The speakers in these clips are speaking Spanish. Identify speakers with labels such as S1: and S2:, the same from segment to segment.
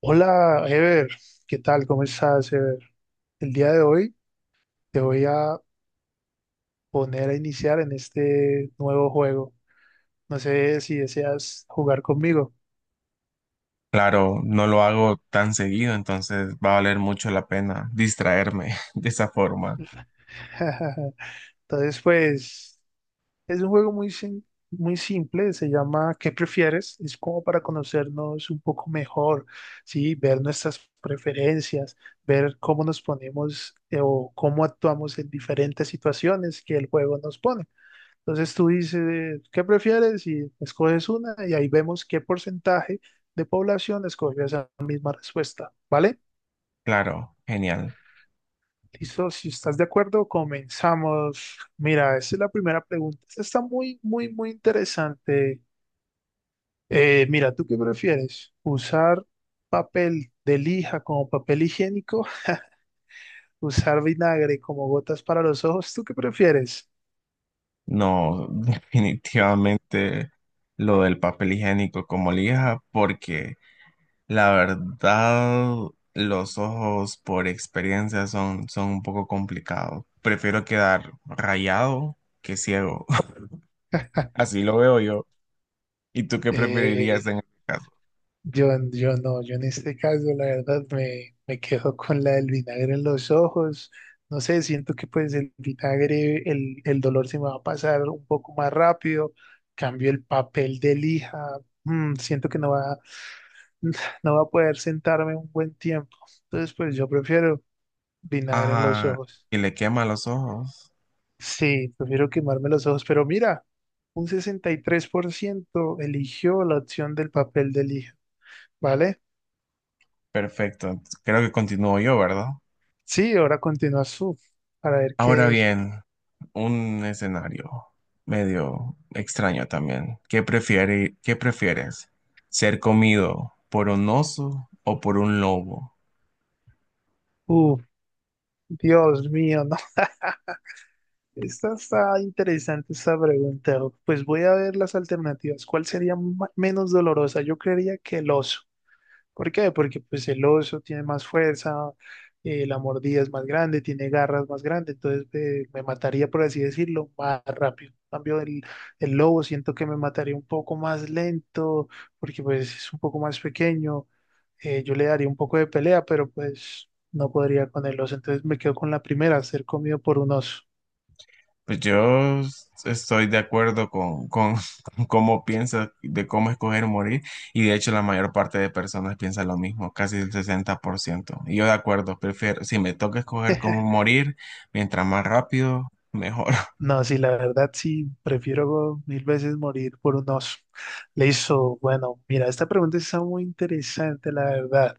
S1: Hola, Ever, ¿qué tal? ¿Cómo estás, Ever? El día de hoy te voy a poner a iniciar en este nuevo juego. No sé si deseas jugar conmigo.
S2: Claro, no lo hago tan seguido, entonces va a valer mucho la pena distraerme de esa forma.
S1: Entonces, pues, es un juego muy simple, se llama ¿Qué prefieres? Es como para conocernos un poco mejor, ¿sí? Ver nuestras preferencias, ver cómo nos ponemos o cómo actuamos en diferentes situaciones que el juego nos pone. Entonces tú dices, ¿qué prefieres? Y escoges una y ahí vemos qué porcentaje de población escogió esa misma respuesta, ¿vale?
S2: Claro, genial.
S1: Listo, si estás de acuerdo, comenzamos. Mira, esa es la primera pregunta. Esta está muy, muy, muy interesante. Mira, ¿tú qué prefieres? ¿Usar papel de lija como papel higiénico? ¿Usar vinagre como gotas para los ojos? ¿Tú qué prefieres?
S2: No, definitivamente lo del papel higiénico como lija, porque la verdad los ojos por experiencia son un poco complicados. Prefiero quedar rayado que ciego. Así lo veo yo. ¿Y tú qué preferirías
S1: Eh,
S2: en este caso?
S1: Yo, yo no, yo en este caso la verdad me quedo con la del vinagre en los ojos. No sé, siento que pues el vinagre, el dolor se me va a pasar un poco más rápido. Cambio el papel de lija. Siento que no va a poder sentarme un buen tiempo. Entonces pues yo prefiero vinagre en los
S2: Ah,
S1: ojos.
S2: y le quema los ojos.
S1: Sí, prefiero quemarme los ojos. Pero mira, un 63% eligió la opción del papel de lija, ¿vale?
S2: Perfecto. Creo que continúo yo, ¿verdad?
S1: Sí, ahora continúa para ver
S2: Ahora
S1: qué.
S2: bien, un escenario medio extraño también. ¿Qué prefieres? ¿Ser comido por un oso o por un lobo?
S1: Uf, Dios mío, no. Esta está interesante esta pregunta. Pues voy a ver las alternativas. ¿Cuál sería menos dolorosa? Yo creería que el oso. ¿Por qué? Porque pues el oso tiene más fuerza, la mordida es más grande, tiene garras más grandes, entonces me mataría, por así decirlo, más rápido. En cambio, el lobo siento que me mataría un poco más lento, porque pues es un poco más pequeño. Yo le daría un poco de pelea, pero pues no podría con el oso. Entonces me quedo con la primera, ser comido por un oso.
S2: Pues yo estoy de acuerdo con cómo piensa de cómo escoger morir, y de hecho la mayor parte de personas piensa lo mismo, casi el 60%. Y yo de acuerdo, prefiero, si me toca escoger cómo morir, mientras más rápido, mejor.
S1: No, sí, la verdad sí, prefiero mil veces morir por un oso. Bueno, mira, esta pregunta está muy interesante, la verdad.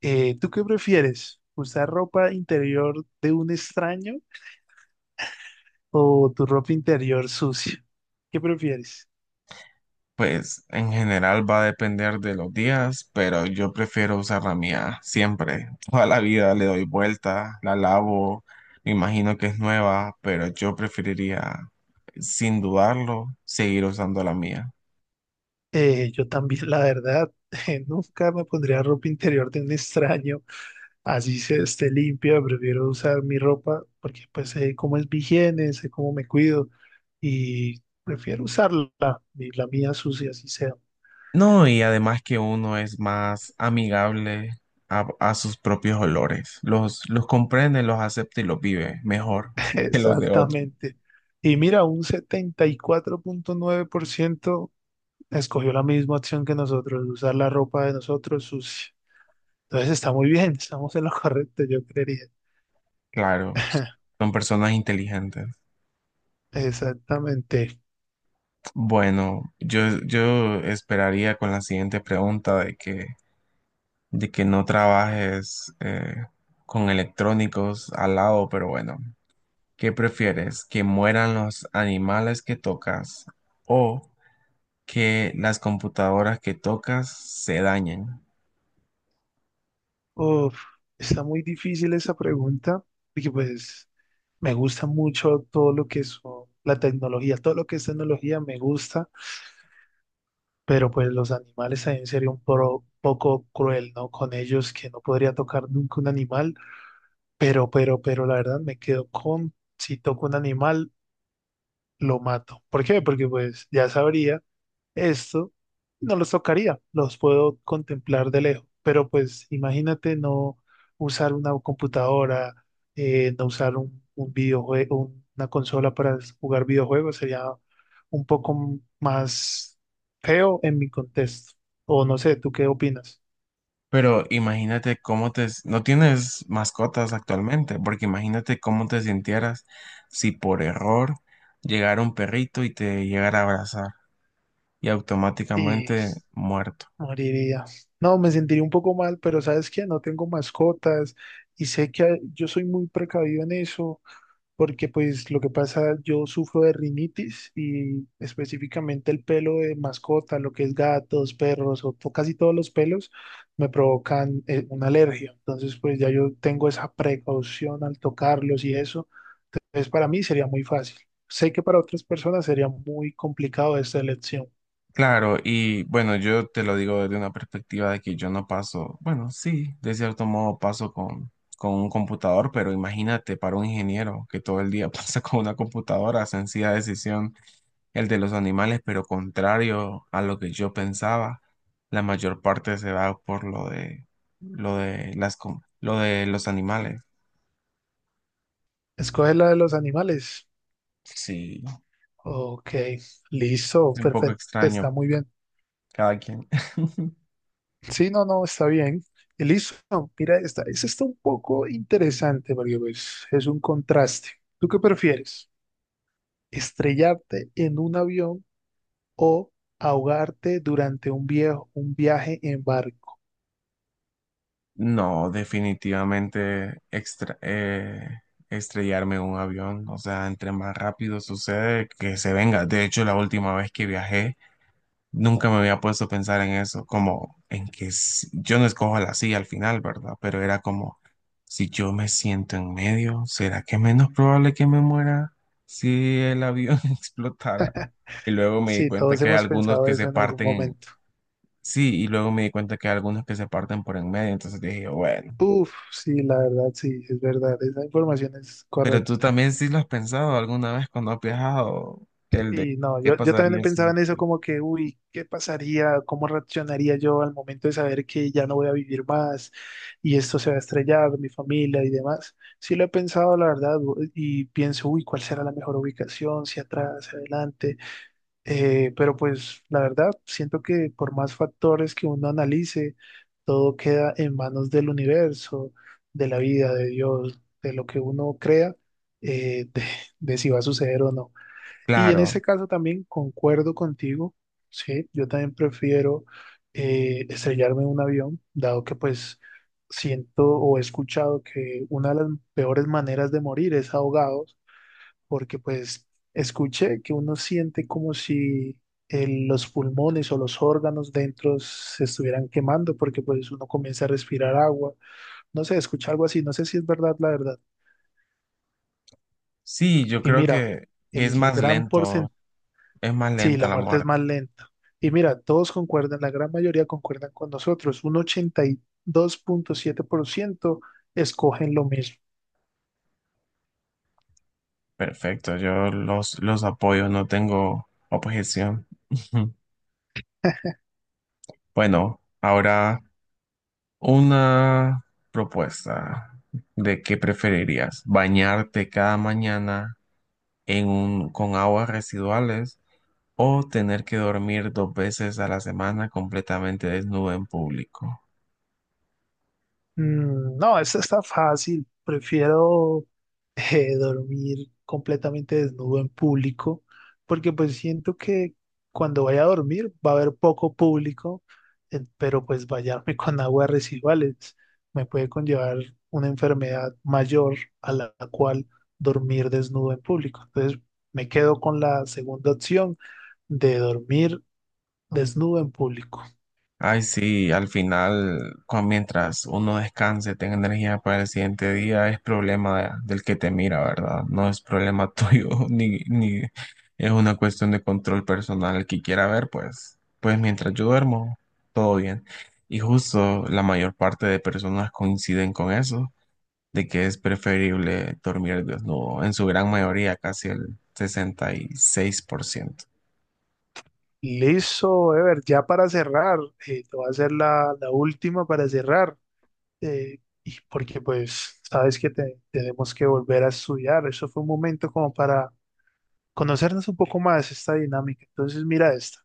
S1: ¿Tú qué prefieres? ¿Usar ropa interior de un extraño o tu ropa interior sucia? ¿Qué prefieres?
S2: Pues en general va a depender de los días, pero yo prefiero usar la mía siempre. Toda la vida le doy vuelta, la lavo, me imagino que es nueva, pero yo preferiría, sin dudarlo, seguir usando la mía.
S1: Yo también, la verdad, nunca me pondría ropa interior de un extraño. Así se esté limpia, prefiero usar mi ropa porque pues sé cómo es mi higiene, sé cómo me cuido y prefiero usarla, y la mía sucia, así sea.
S2: No, y además que uno es más amigable a sus propios olores. Los comprende, los acepta y los vive mejor que los de otros.
S1: Exactamente. Y mira, un 74,9% escogió la misma opción que nosotros, usar la ropa de nosotros sucia. Entonces está muy bien, estamos en lo correcto, yo creería.
S2: Claro, son personas inteligentes.
S1: Exactamente.
S2: Bueno, yo esperaría con la siguiente pregunta de que no trabajes con electrónicos al lado, pero bueno, ¿qué prefieres? ¿Que mueran los animales que tocas o que las computadoras que tocas se dañan?
S1: Uf, está muy difícil esa pregunta, porque pues me gusta mucho todo lo que es la tecnología, todo lo que es tecnología me gusta, pero pues los animales también sería un poco cruel, ¿no? Con ellos que no podría tocar nunca un animal, pero la verdad me quedo con, si toco un animal, lo mato. ¿Por qué? Porque pues ya sabría. Esto no los tocaría, los puedo contemplar de lejos, pero pues imagínate no usar una computadora, no usar un videojuego, una consola para jugar videojuegos, sería un poco más feo en mi contexto. O no sé, ¿tú qué opinas?
S2: Pero imagínate cómo te... No tienes mascotas actualmente, porque imagínate cómo te sintieras si por error llegara un perrito y te llegara a abrazar y
S1: Y
S2: automáticamente muerto.
S1: moriría. No, me sentiría un poco mal, pero ¿sabes qué? No tengo mascotas y sé que yo soy muy precavido en eso porque pues lo que pasa, yo sufro de rinitis y específicamente el pelo de mascota, lo que es gatos, perros o casi todos los pelos me provocan una alergia. Entonces pues ya yo tengo esa precaución al tocarlos y eso. Entonces para mí sería muy fácil. Sé que para otras personas sería muy complicado esta elección.
S2: Claro, y bueno, yo te lo digo desde una perspectiva de que yo no paso, bueno, sí, de cierto modo paso con un computador, pero imagínate para un ingeniero que todo el día pasa con una computadora, sencilla decisión el de los animales, pero contrario a lo que yo pensaba, la mayor parte se va por lo de las lo de los animales.
S1: Escoge la de los animales.
S2: Sí,
S1: Ok, listo,
S2: es un poco
S1: perfecto,
S2: extraño
S1: está muy bien.
S2: cada quien.
S1: Sí, no, no, está bien. Y listo, mira esta. Esta está un poco interesante porque pues, es un contraste. ¿Tú qué prefieres? ¿Estrellarte en un avión o ahogarte durante un viaje en barco?
S2: No, definitivamente estrellarme en un avión, o sea, entre más rápido sucede que se venga. De hecho, la última vez que viajé nunca me había puesto a pensar en eso, como en que yo no escojo la silla al final, ¿verdad? Pero era como, si yo me siento en medio, ¿será que es menos probable que me muera si el avión explotara? Y luego me di
S1: Sí,
S2: cuenta
S1: todos
S2: que hay
S1: hemos
S2: algunos
S1: pensado
S2: que se
S1: eso en algún
S2: parten
S1: momento.
S2: sí, y luego me di cuenta que hay algunos que se parten por en medio, entonces dije, bueno,
S1: Uf, sí, la verdad, sí, es verdad. Esa información es
S2: pero tú
S1: correcta.
S2: también sí lo has pensado alguna vez cuando has viajado, el de
S1: Sí, no,
S2: qué
S1: yo también
S2: pasaría
S1: pensaba
S2: si...
S1: en eso como que, uy, ¿qué pasaría? ¿Cómo reaccionaría yo al momento de saber que ya no voy a vivir más y esto se va a estrellar, mi familia y demás? Sí lo he pensado, la verdad, y pienso, uy, ¿cuál será la mejor ubicación? Si atrás, hacia adelante. Pero pues la verdad, siento que por más factores que uno analice, todo queda en manos del universo, de la vida, de Dios, de lo que uno crea, eh, de de si va a suceder o no. Y en ese
S2: Claro,
S1: caso también concuerdo contigo, sí, yo también prefiero estrellarme en un avión, dado que pues siento o he escuchado que una de las peores maneras de morir es ahogados, porque pues escuché que uno siente como si los pulmones o los órganos dentro se estuvieran quemando, porque pues uno comienza a respirar agua, no sé, escuché algo así, no sé si es verdad la verdad.
S2: sí, yo
S1: Y
S2: creo
S1: mira,
S2: que es
S1: el
S2: más
S1: gran
S2: lento.
S1: porcentaje.
S2: Es más
S1: Sí,
S2: lenta
S1: la
S2: la
S1: muerte es
S2: muerte.
S1: más lenta. Y mira, todos concuerdan, la gran mayoría concuerdan con nosotros. Un 82,7% escogen lo mismo.
S2: Perfecto, yo los apoyo, no tengo objeción. Bueno, ahora una propuesta de qué preferirías, bañarte cada mañana en un, con aguas residuales, o tener que dormir dos veces a la semana completamente desnudo en público.
S1: Mm, no, esta está fácil. Prefiero dormir completamente desnudo en público, porque pues siento que cuando vaya a dormir va a haber poco público, pero pues bañarme con aguas residuales me puede conllevar una enfermedad mayor a la cual dormir desnudo en público. Entonces me quedo con la segunda opción de dormir desnudo en público.
S2: Ay, sí, al final, mientras uno descanse, tenga energía para el siguiente día, es problema del que te mira, ¿verdad? No es problema tuyo, ni es una cuestión de control personal. El que quiera ver, pues mientras yo duermo, todo bien. Y justo la mayor parte de personas coinciden con eso, de que es preferible dormir desnudo, en su gran mayoría, casi el 66%.
S1: Listo, Ever, ya para cerrar, te voy a hacer la última para cerrar, y porque pues sabes que tenemos que volver a estudiar, eso fue un momento como para conocernos un poco más esta dinámica. Entonces mira esta,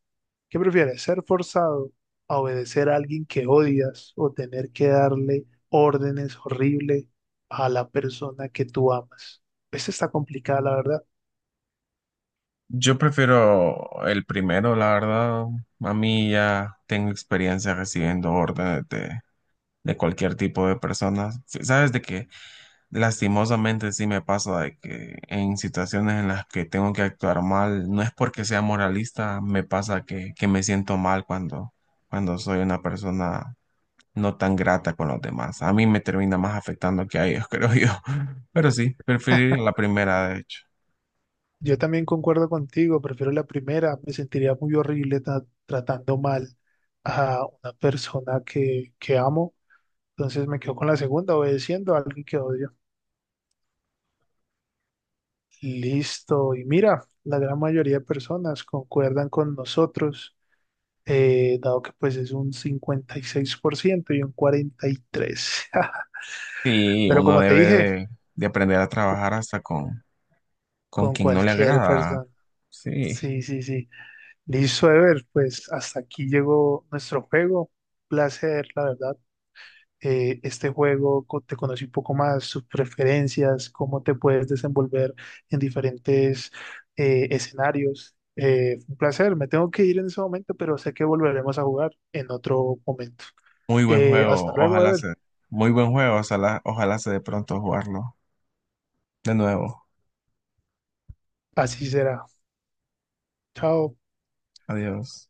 S1: ¿qué prefieres? ¿Ser forzado a obedecer a alguien que odias o tener que darle órdenes horribles a la persona que tú amas? Esta está complicada, la verdad.
S2: Yo prefiero el primero, la verdad. A mí ya tengo experiencia recibiendo órdenes de cualquier tipo de personas. Sí, sabes de que lastimosamente sí me pasa de que en situaciones en las que tengo que actuar mal, no es porque sea moralista, me pasa que me siento mal cuando, cuando soy una persona no tan grata con los demás. A mí me termina más afectando que a ellos, creo yo. Pero sí, preferir la primera, de hecho.
S1: Yo también concuerdo contigo, prefiero la primera, me sentiría muy horrible tratando mal a una persona que amo, entonces me quedo con la segunda, obedeciendo a alguien que odio. Listo, y mira, la gran mayoría de personas concuerdan con nosotros, dado que pues es un 56% y seis por ciento y un 43%,
S2: Sí,
S1: pero
S2: uno
S1: como te
S2: debe
S1: dije,
S2: de aprender a trabajar hasta con
S1: con
S2: quien no le
S1: cualquier
S2: agrada.
S1: persona.
S2: Sí,
S1: Sí, sí, sí. Listo, Ever, pues hasta aquí llegó nuestro juego placer, la verdad, este juego, te conocí un poco más, sus preferencias, cómo te puedes desenvolver en diferentes escenarios. Un placer, me tengo que ir en ese momento, pero sé que volveremos a jugar en otro momento.
S2: muy buen
S1: Hasta
S2: juego.
S1: luego, Ever.
S2: Muy buen juego. Ojalá se de pronto jugarlo de nuevo.
S1: Así será. Chao.
S2: Adiós.